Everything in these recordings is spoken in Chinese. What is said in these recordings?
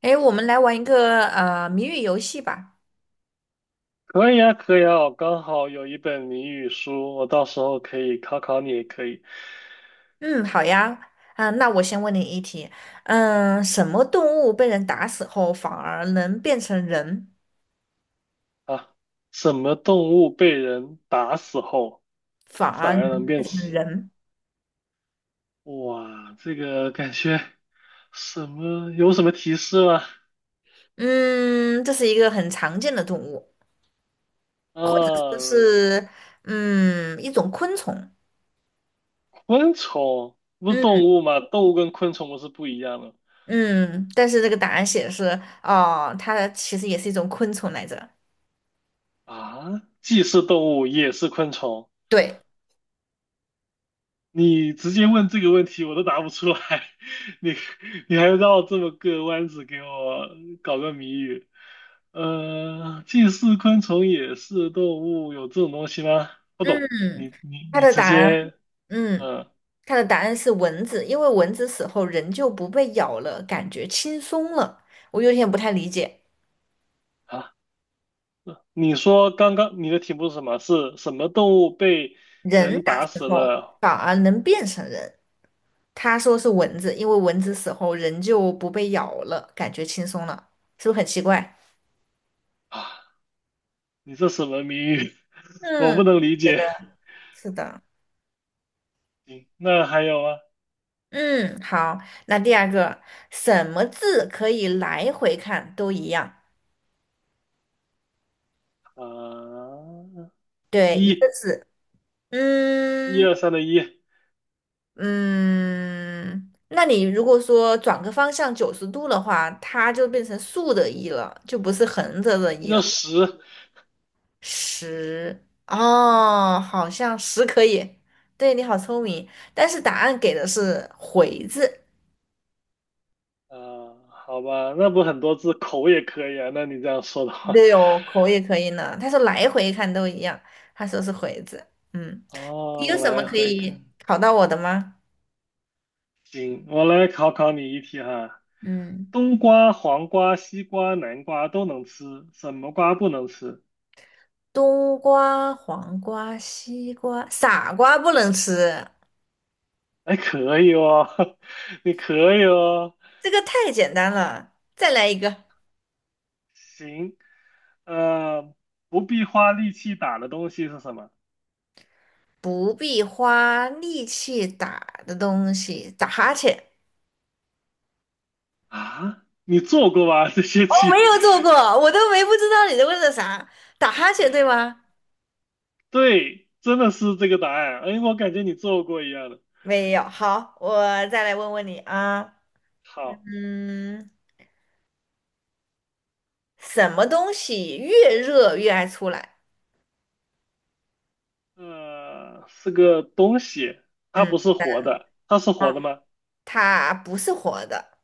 哎，我们来玩一个谜语游戏吧。可以啊，可以啊，我刚好有一本谜语书，我到时候可以考考你也可以嗯，好呀。啊，那我先问你一题。嗯，什么动物被人打死后反而能变成人？啊。什么动物被人打死后反反而能而能变变成死？人？哇，这个感觉什么？有什么提示吗？嗯，这是一个很常见的动物，或者说呃，是一种昆虫。昆虫不是嗯动物吗？动物跟昆虫不是不一样的嗯，但是这个答案写的是哦，它其实也是一种昆虫来着。啊？既是动物也是昆虫对，你直接问这个问题，我都答不出来，你你还绕这么个弯子给我搞个谜语？既是昆虫也是动物，有这种东西吗？不懂，嗯，你你它你的直答案，接，嗯。嗯、它的答案是蚊子，因为蚊子死后人就不被咬了，感觉轻松了。我有点不太理解，啊，你说刚刚你的题目是什么？是什么动物被人人哪打死了？反而能变成人？他说是蚊子，因为蚊子死后人就不被咬了，感觉轻松了，是不是很奇怪？啊，你这什么谜语？我嗯，不能理觉得解。是的。行，那还有吗？嗯，好，那第二个，什么字可以来回看都一样？啊，对，一个一字。一嗯。二三的一，嗯，那你如果说转个方向90度的话，它就变成竖的一”了，就不是横着的那一”了。就十。十，哦，好像十可以。对，你好聪明，但是答案给的是回字。啊，好吧，那不很多字口也可以啊。那你这样说的话，对哦，口也可以呢。他说来回看都一样，他说是回字。嗯，你有哦，什么来可回看，以考到我的吗？行，我来考考你一题哈。嗯，冬瓜、黄瓜、西瓜、南瓜都能吃，什么瓜不能吃？冬瓜、黄瓜、西瓜，傻瓜不能吃。哎，可以哦，你可以哦。这个太简单了，再来一个，行，呃，不必花力气打的东西是什么？不必花力气打的东西，打哈欠。啊？你做过吧？这些我没题，有做过，我都没不知道你在问的啥，打哈欠对吗？对，真的是这个答案。哎，我感觉你做过一样的。没有，好，我再来问问你啊，好。嗯，什么东西越热越爱出来？呃，是个东西，它嗯不是活的，它是活嗯，的吗？它不是活的，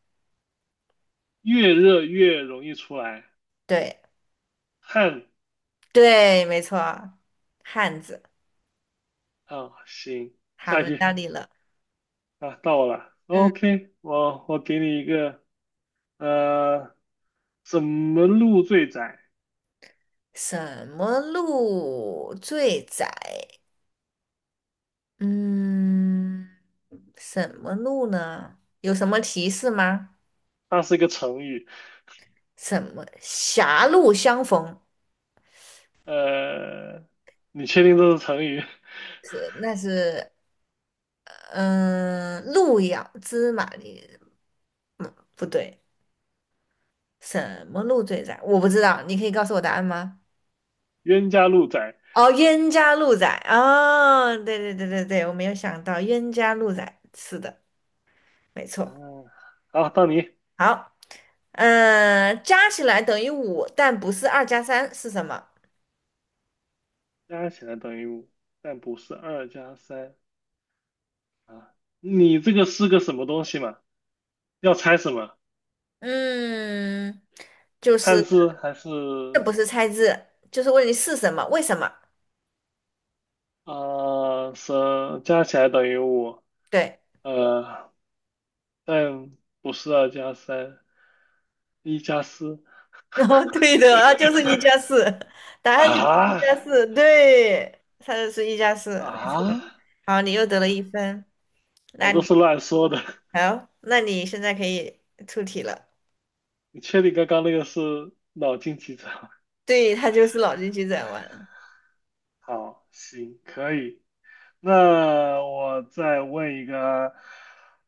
越热越容易出来对汗。对，没错，汉子。啊，行，好，下一轮题。到你了，啊，到我了。嗯，OK，我给你一个，呃，怎么路最窄？什么路最窄？嗯，什么路呢？有什么提示吗？它是一个成语，什么狭路相逢？呃，你确定这是成语？是，那是嗯，路遥知马力，不对，什么路最窄？我不知道，你可以告诉我答案吗？冤家路窄。哦，冤家路窄哦，对对对对对，我没有想到冤家路窄，是的，没错。嗯、好，到你，好，嗯、加起来等于五，但不是二加三，是什么？加起来等于五，但不是二加三啊。你这个是个什么东西嘛？要猜什么？嗯，就汉是字还是这不是猜字，就是问你是什么，为什么？呃是加起来等于五，对，呃，但不是二加三，一加四 然后对的，那就是一加四，答案就是一啊。加四，对，它就是一加四，没错。啊！好，你又得了一分，我那你都是乱说的，好，那你现在可以出题了。你确定刚刚那个是脑筋急转弯？对，它就是脑筋急转弯。好，行，可以。那我再问一个，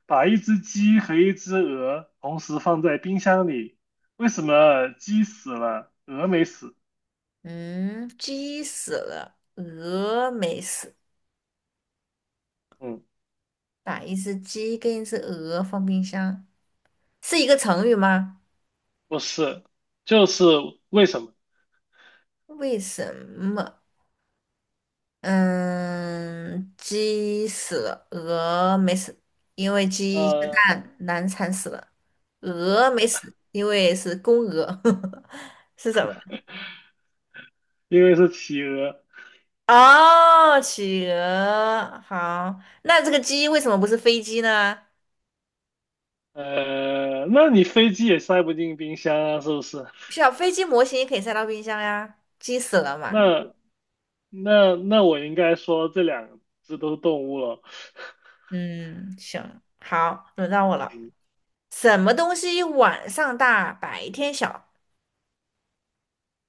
把一只鸡和一只鹅同时放在冰箱里，为什么鸡死了，鹅没死？嗯，鸡死了，鹅没死，嗯。把一只鸡跟一只鹅放冰箱，是一个成语吗？不是，就是为什么？为什么？嗯，鸡死了，鹅没死，因为鸡下呃，蛋难产死了。鹅没死，因为是公鹅，是什么？因为是企鹅。哦，企鹅。好，那这个鸡为什么不是飞机呢？呃，那你飞机也塞不进冰箱啊，是不是？小飞机模型也可以塞到冰箱呀，鸡死了嘛。那那我应该说这两只都是动物了。嗯，行，好，轮到我了。嗯，什么东西晚上大，白天小？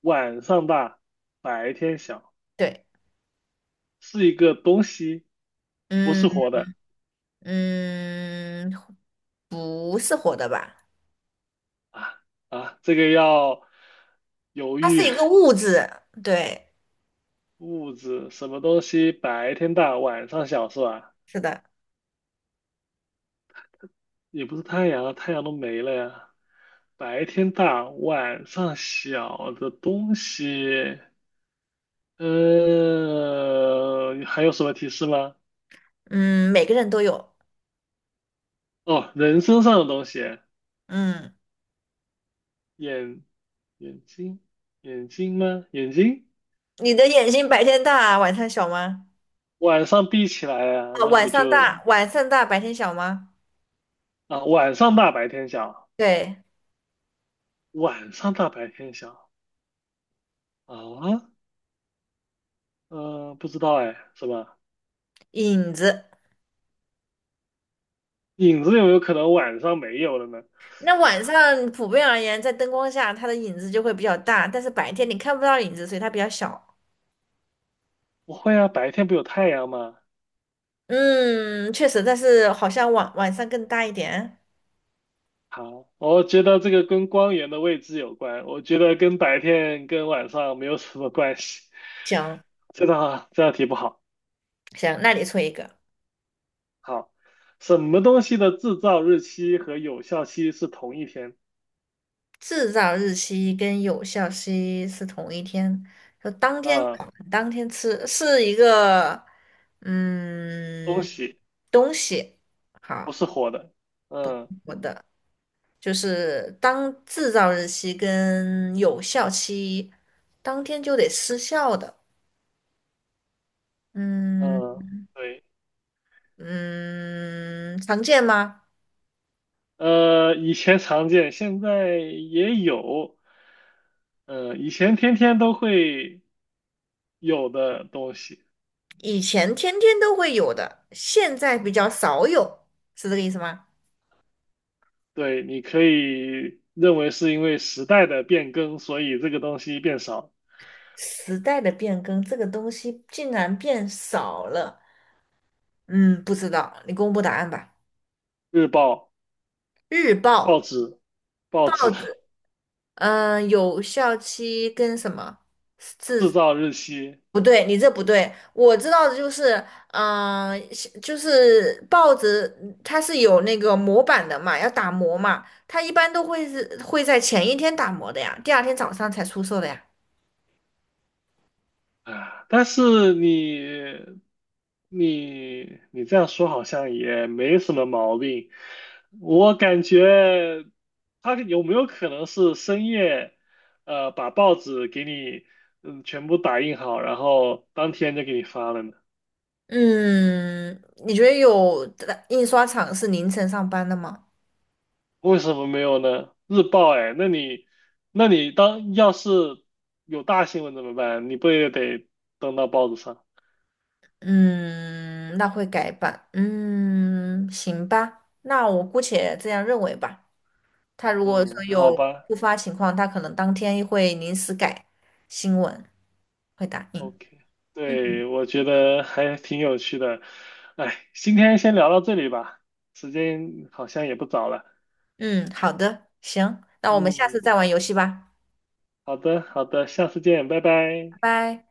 晚上大，白天小，对，是一个东西，不是嗯。活的嗯，不是活的吧？啊。这个要犹它是豫，一个物质，对，物质什么东西白天大，晚上小是吧？是的，也不是太阳啊，太阳都没了呀。白天大，晚上小的东西，还有什么提示吗？嗯，每个人都有，哦，人身上的东西，嗯，眼眼睛，眼睛吗？眼睛，你的眼睛白天大，晚上小吗？晚上闭起来呀、啊，那晚不上就大，白天小吗？啊？晚上大，白天小，对，晚上大，白天小啊？嗯，不知道哎，什么？影子。影子有没有可能晚上没有了呢？那晚上普遍而言，在灯光下，它的影子就会比较大，但是白天你看不到影子，所以它比较小。不会啊，白天不有太阳吗？嗯，确实，但是好像晚上更大一点。好，我觉得这个跟光源的位置有关，我觉得跟白天跟晚上没有什么关系。行这道题不好。行，那你出一个。好，什么东西的制造日期和有效期是同一天？制造日期跟有效期是同一天，就当天啊，烤当天吃，是一个东嗯西东西。不好，是活的。嗯，我的就是当制造日期跟有效期当天就得失效的。嗯嗯，对，嗯，常见吗？呃，以前常见，现在也有。嗯，以前天天都会有的东西。以前天天都会有的，现在比较少有，是这个意思吗？对，你可以认为是因为时代的变更，所以这个东西变少。时代的变更，这个东西竟然变少了。嗯，不知道，你公布答案吧。日报、日报报、纸、报报纸 纸，嗯、有效期跟什么？制是造日期不对，你这不对。我知道的就是，嗯、就是报纸它是有那个模板的嘛，要打磨嘛，它一般都会是会在前一天打磨的呀，第二天早上才出售的呀。啊，但是你这样说好像也没什么毛病。我感觉他有没有可能是深夜，把报纸给你嗯全部打印好，然后当天就给你发了呢？嗯，你觉得有的印刷厂是凌晨上班的吗？为什么没有呢？日报哎，那你那你当要是有大新闻怎么办？你不也得登到报纸上？嗯，那会改版。嗯，行吧，那我姑且这样认为吧。他如果说嗯，好有吧突发情况，他可能当天会临时改新闻，会打印。，OK，对，我觉得还挺有趣的。哎，今天先聊到这里吧，时间好像也不早了。嗯，好的，行，那我们下嗯，次再玩游戏吧，好的，好的，下次见，拜拜。拜拜。